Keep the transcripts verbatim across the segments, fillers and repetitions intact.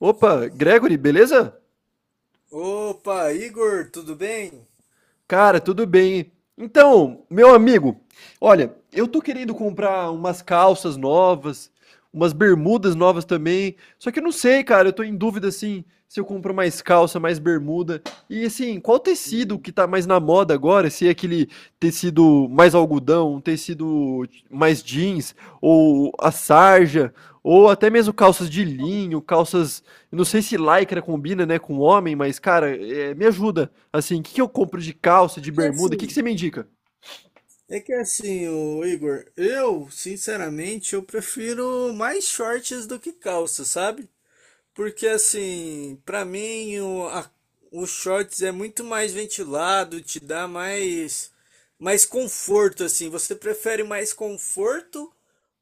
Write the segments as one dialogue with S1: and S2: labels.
S1: Opa, Gregory, beleza?
S2: Opa, Igor, tudo bem?
S1: Cara, tudo bem. Então, meu amigo, olha, eu tô querendo comprar umas calças novas, umas bermudas novas também. Só que eu não sei, cara, eu tô em dúvida assim, se eu compro mais calça, mais bermuda. E assim, qual tecido que tá mais na moda agora? Se é aquele tecido mais algodão, um tecido mais jeans, ou a sarja, ou até mesmo calças de linho, calças. Não sei se lycra combina, né, com homem, mas, cara, é, me ajuda. Assim, o que, que eu compro de calça,
S2: É
S1: de
S2: que
S1: bermuda? O
S2: assim,
S1: que, que você me indica?
S2: é que assim, ô Igor, eu, sinceramente, eu prefiro mais shorts do que calça, sabe? Porque assim, pra mim o, a- o shorts é muito mais ventilado, te dá mais mais conforto assim. Você prefere mais conforto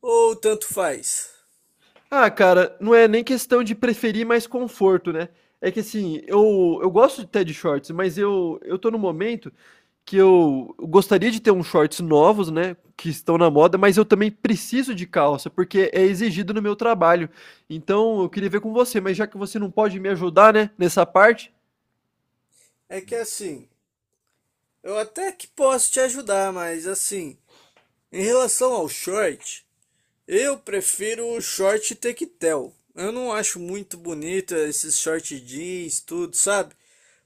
S2: ou tanto faz?
S1: Ah, cara, não é nem questão de preferir mais conforto, né? É que assim, eu, eu gosto até de shorts, mas eu, eu tô num momento que eu gostaria de ter uns shorts novos, né? Que estão na moda, mas eu também preciso de calça, porque é exigido no meu trabalho. Então eu queria ver com você, mas já que você não pode me ajudar, né, nessa parte.
S2: É que assim, eu até que posso te ajudar, mas assim, em relação ao short, eu prefiro o short tectel. Eu não acho muito bonito esses short jeans, tudo, sabe?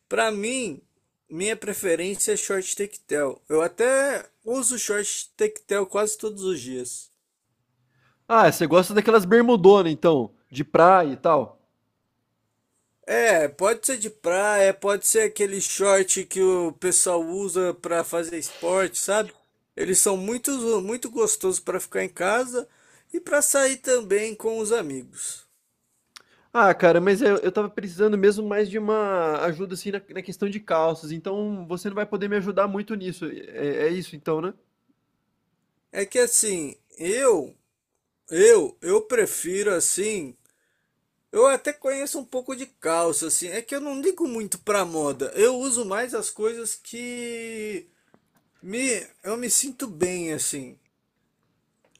S2: Pra mim, minha preferência é short tectel. Eu até uso short tectel quase todos os dias.
S1: Ah, você gosta daquelas bermudonas, então, de praia e tal.
S2: É, pode ser de praia, pode ser aquele short que o pessoal usa pra fazer esporte, sabe? Eles são muito, muito gostosos pra ficar em casa e pra sair também com os amigos.
S1: Ah, cara, mas eu, eu tava precisando mesmo mais de uma ajuda, assim, na, na questão de calças. Então, você não vai poder me ajudar muito nisso. É, é isso, então, né?
S2: É que assim, eu Eu, eu prefiro assim. Eu até conheço um pouco de calça, assim. É que eu não ligo muito pra moda. Eu uso mais as coisas que me, eu me sinto bem, assim.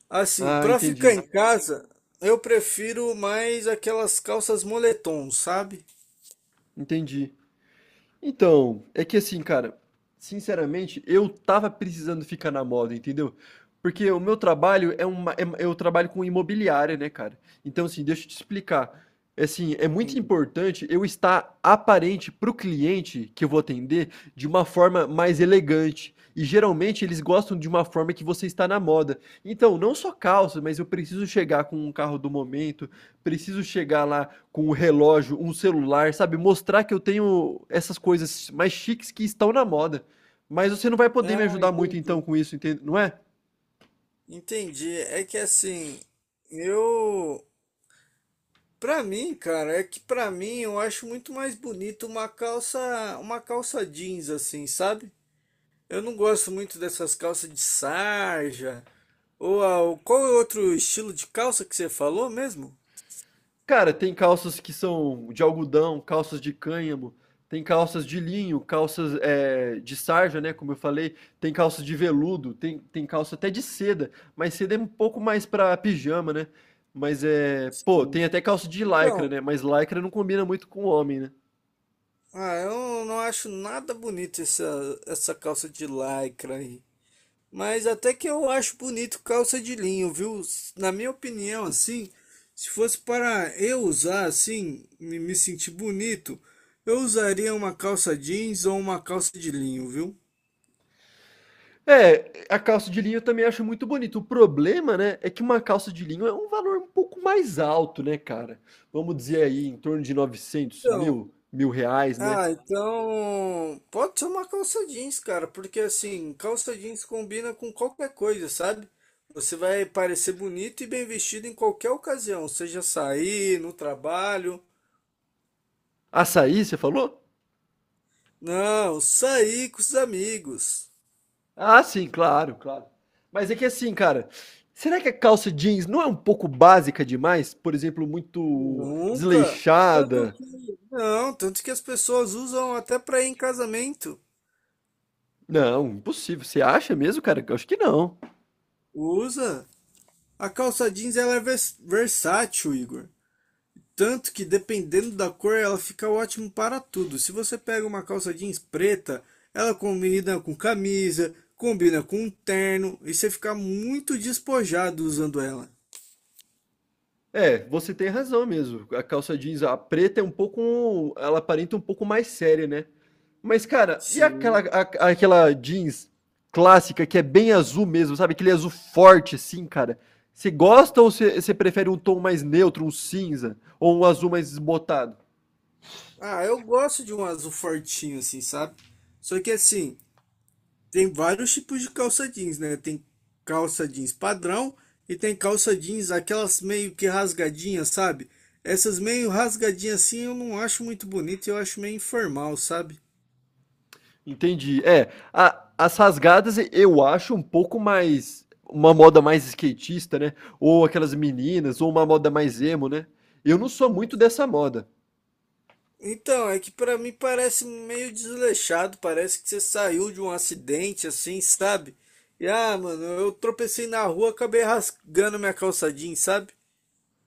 S2: Assim,
S1: Ah,
S2: pra ficar
S1: entendi.
S2: em casa, eu prefiro mais aquelas calças moletom, sabe?
S1: Entendi. Então, é que assim, cara, sinceramente, eu tava precisando ficar na moda, entendeu? Porque o meu trabalho é uma, é- eu trabalho com imobiliária, né, cara? Então, assim, deixa eu te explicar. É assim, é muito
S2: Sim.
S1: importante eu estar aparente pro cliente que eu vou atender de uma forma mais elegante. E geralmente eles gostam de uma forma que você está na moda. Então, não só calça, mas eu preciso chegar com um carro do momento, preciso chegar lá com o relógio, um celular, sabe? Mostrar que eu tenho essas coisas mais chiques que estão na moda. Mas você não vai poder me
S2: Ah,
S1: ajudar muito então
S2: entendi.
S1: com isso, entende? Não é?
S2: Entendi. É que assim, eu, pra mim, cara, é que pra mim eu acho muito mais bonito uma calça, uma calça jeans, assim, sabe? Eu não gosto muito dessas calças de sarja. Ou a- qual é outro estilo de calça que você falou mesmo?
S1: Cara, tem calças que são de algodão, calças de cânhamo, tem calças de linho, calças é, de sarja, né? Como eu falei, tem calças de veludo, tem, tem calça até de seda, mas seda é um pouco mais pra pijama, né? Mas é. Pô,
S2: Sim.
S1: tem até calça de lycra,
S2: Então,
S1: né? Mas lycra não combina muito com homem, né?
S2: ah, eu não acho nada bonito essa, essa calça de lycra aí. Mas até que eu acho bonito calça de linho, viu? S- Na minha opinião, assim, se fosse para eu usar assim, me, me sentir bonito, eu usaria uma calça jeans ou uma calça de linho, viu?
S1: É, a calça de linho eu também acho muito bonito. O problema, né, é que uma calça de linho é um valor um pouco mais alto, né, cara? Vamos dizer aí, em torno de novecentos
S2: Então,
S1: mil, mil reais, né?
S2: ah, então pode ser uma calça jeans, cara, porque assim, calça jeans combina com qualquer coisa, sabe? Você vai parecer bonito e bem vestido em qualquer ocasião, seja sair, no trabalho.
S1: Açaí, você falou?
S2: Não, sair com os amigos.
S1: Ah, sim, claro, claro. Mas é que assim, cara, será que a calça jeans não é um pouco básica demais? Por exemplo, muito
S2: Nunca. Tanto
S1: desleixada?
S2: que, não, tanto que as pessoas usam até pra ir em casamento.
S1: Não, impossível. Você acha mesmo, cara? Eu acho que não.
S2: Usa. A calça jeans ela é vers- versátil, Igor. Tanto que dependendo da cor, ela fica ótimo para tudo. Se você pega uma calça jeans preta, ela combina com camisa, combina com um terno e você fica muito despojado usando ela.
S1: É, você tem razão mesmo. A calça jeans, a preta é um pouco, ela aparenta um pouco mais séria, né? Mas, cara, e
S2: Sim.
S1: aquela, a- aquela jeans clássica que é bem azul mesmo, sabe? Aquele azul forte, assim, cara. Você gosta ou você você prefere um tom mais neutro, um cinza, ou um azul mais esbotado?
S2: Ah, eu gosto de um azul fortinho assim, sabe? Só que assim, tem vários tipos de calça jeans, né? Tem calça jeans padrão e tem calça jeans aquelas meio que rasgadinhas, sabe? Essas meio rasgadinhas assim eu não acho muito bonito, eu acho meio informal, sabe?
S1: Entendi. É, a- as rasgadas eu acho um pouco mais. Uma moda mais skatista, né? Ou aquelas meninas, ou uma moda mais emo, né? Eu não sou muito dessa moda.
S2: Então, é que pra mim parece meio desleixado, parece que você saiu de um acidente assim, sabe? E ah, mano, eu tropecei na rua, acabei rasgando minha calça jeans, sabe?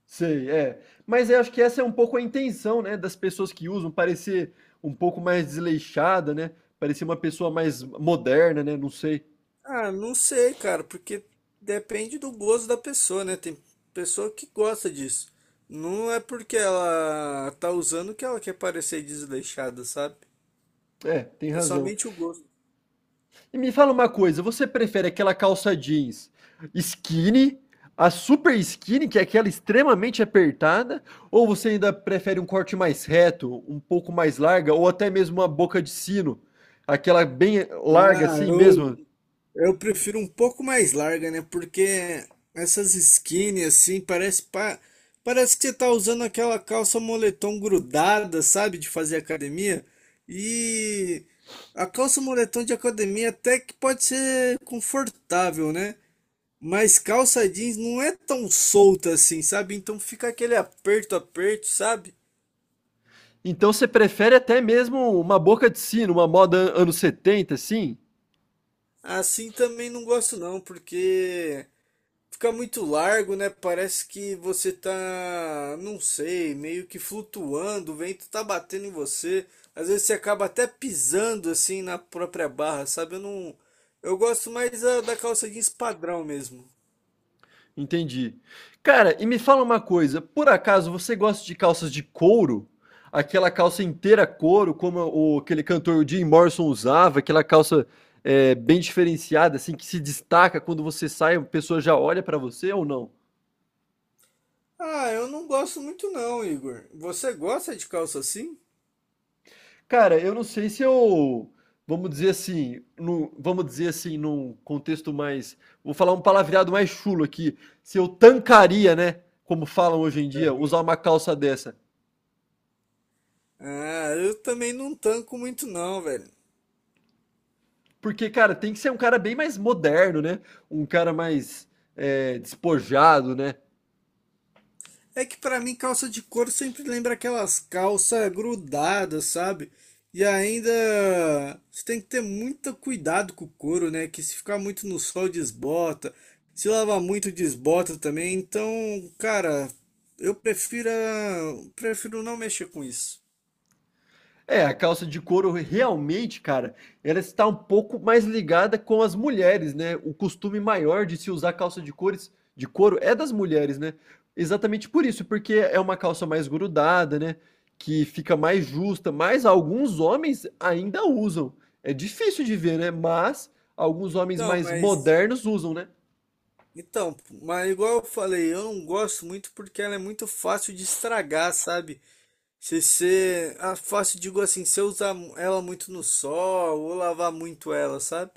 S1: Sei, é. Mas eu acho que essa é um pouco a intenção, né, das pessoas que usam, parecer um pouco mais desleixada, né? Parecer uma pessoa mais moderna, né? Não sei.
S2: Ah, não sei, cara, porque depende do gosto da pessoa, né? Tem pessoa que gosta disso. Não é porque ela tá usando que ela quer parecer desleixada, sabe?
S1: É, tem
S2: É
S1: razão.
S2: somente o gosto.
S1: E me fala uma coisa, você prefere aquela calça jeans skinny, a super skinny, que é aquela extremamente apertada, ou você ainda prefere um corte mais reto, um pouco mais larga, ou até mesmo uma boca de sino, aquela bem larga
S2: Ah,
S1: assim
S2: eu
S1: mesmo,
S2: Eu prefiro um pouco mais larga, né? Porque essas skinny assim, parece pa... parece que você tá usando aquela calça moletom grudada, sabe? De fazer academia. E a calça moletom de academia até que pode ser confortável, né? Mas calça jeans não é tão solta assim, sabe? Então fica aquele aperto, aperto, sabe?
S1: então você prefere até mesmo uma boca de sino, uma moda an- anos setenta, assim?
S2: Assim também não gosto não, porque fica muito largo, né? Parece que você tá, não sei, meio que flutuando, o vento tá batendo em você. Às vezes você acaba até pisando assim na própria barra, sabe? Eu não, eu gosto mais da, da calça jeans padrão mesmo.
S1: Entendi. Cara, e me fala uma coisa, por acaso você gosta de calças de couro? Aquela calça inteira couro, como o, aquele cantor Jim Morrison usava, aquela calça é, bem diferenciada, assim, que se destaca quando você sai, a pessoa já olha pra você ou não?
S2: Ah, eu não gosto muito não, Igor. Você gosta de calça assim?
S1: Cara, eu não sei se eu, vamos dizer assim, num, vamos dizer assim, num contexto mais, vou falar um palavreado mais chulo aqui, se eu tancaria, né, como falam hoje em dia,
S2: Aham.
S1: usar uma calça dessa.
S2: Ah, eu também não tanco muito não, velho.
S1: Porque, cara, tem que ser um cara bem mais moderno, né? Um cara mais é, despojado, né?
S2: É que pra mim calça de couro sempre lembra aquelas calças grudadas, sabe? E ainda você tem que ter muito cuidado com o couro, né? Que se ficar muito no sol desbota, se lavar muito desbota também. Então, cara, eu prefiro a- prefiro não mexer com isso.
S1: É, a calça de couro realmente, cara, ela está um pouco mais ligada com as mulheres, né? O costume maior de se usar calça de cores de couro é das mulheres, né? Exatamente por isso, porque é uma calça mais grudada, né? Que fica mais justa, mas alguns homens ainda usam. É difícil de ver, né? Mas alguns homens
S2: Então,
S1: mais
S2: mas
S1: modernos usam, né?
S2: então, mas igual eu falei, eu não gosto muito porque ela é muito fácil de estragar, sabe? Se você. Ah, fácil, digo assim, se eu usar ela muito no sol ou lavar muito ela, sabe?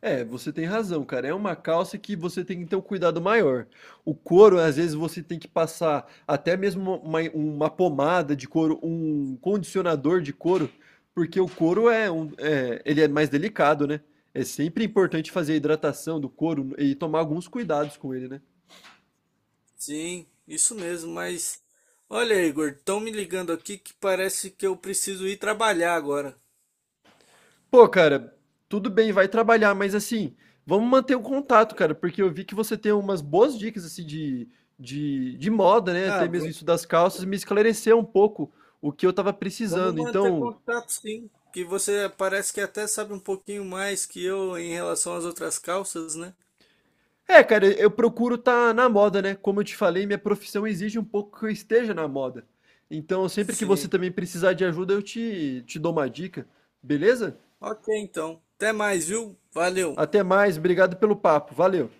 S1: É, você tem razão, cara. É uma calça que você tem que ter um cuidado maior. O couro, às vezes, você tem que passar até mesmo uma, uma pomada de couro, um condicionador de couro, porque o couro é um, é, ele é mais delicado, né? É sempre importante fazer a hidratação do couro e tomar alguns cuidados com ele, né?
S2: Sim, isso mesmo, mas. Olha, Igor, estão me ligando aqui que parece que eu preciso ir trabalhar agora.
S1: Pô, cara, tudo bem, vai trabalhar, mas assim, vamos manter o contato, cara, porque eu vi que você tem umas boas dicas assim de, de, de moda, né?
S2: Ah,
S1: Até mesmo
S2: v-
S1: isso das calças, me esclareceu um pouco o que eu tava
S2: Vamos
S1: precisando.
S2: manter
S1: Então,
S2: contato, sim. Que você parece que até sabe um pouquinho mais que eu em relação às outras calças, né?
S1: é, cara, eu procuro estar na moda, né? Como eu te falei, minha profissão exige um pouco que eu esteja na moda. Então, sempre que você
S2: Sim.
S1: também precisar de ajuda, eu te, te dou uma dica, beleza?
S2: Ok, então. Até mais, viu? Valeu.
S1: Até mais, obrigado pelo papo, valeu.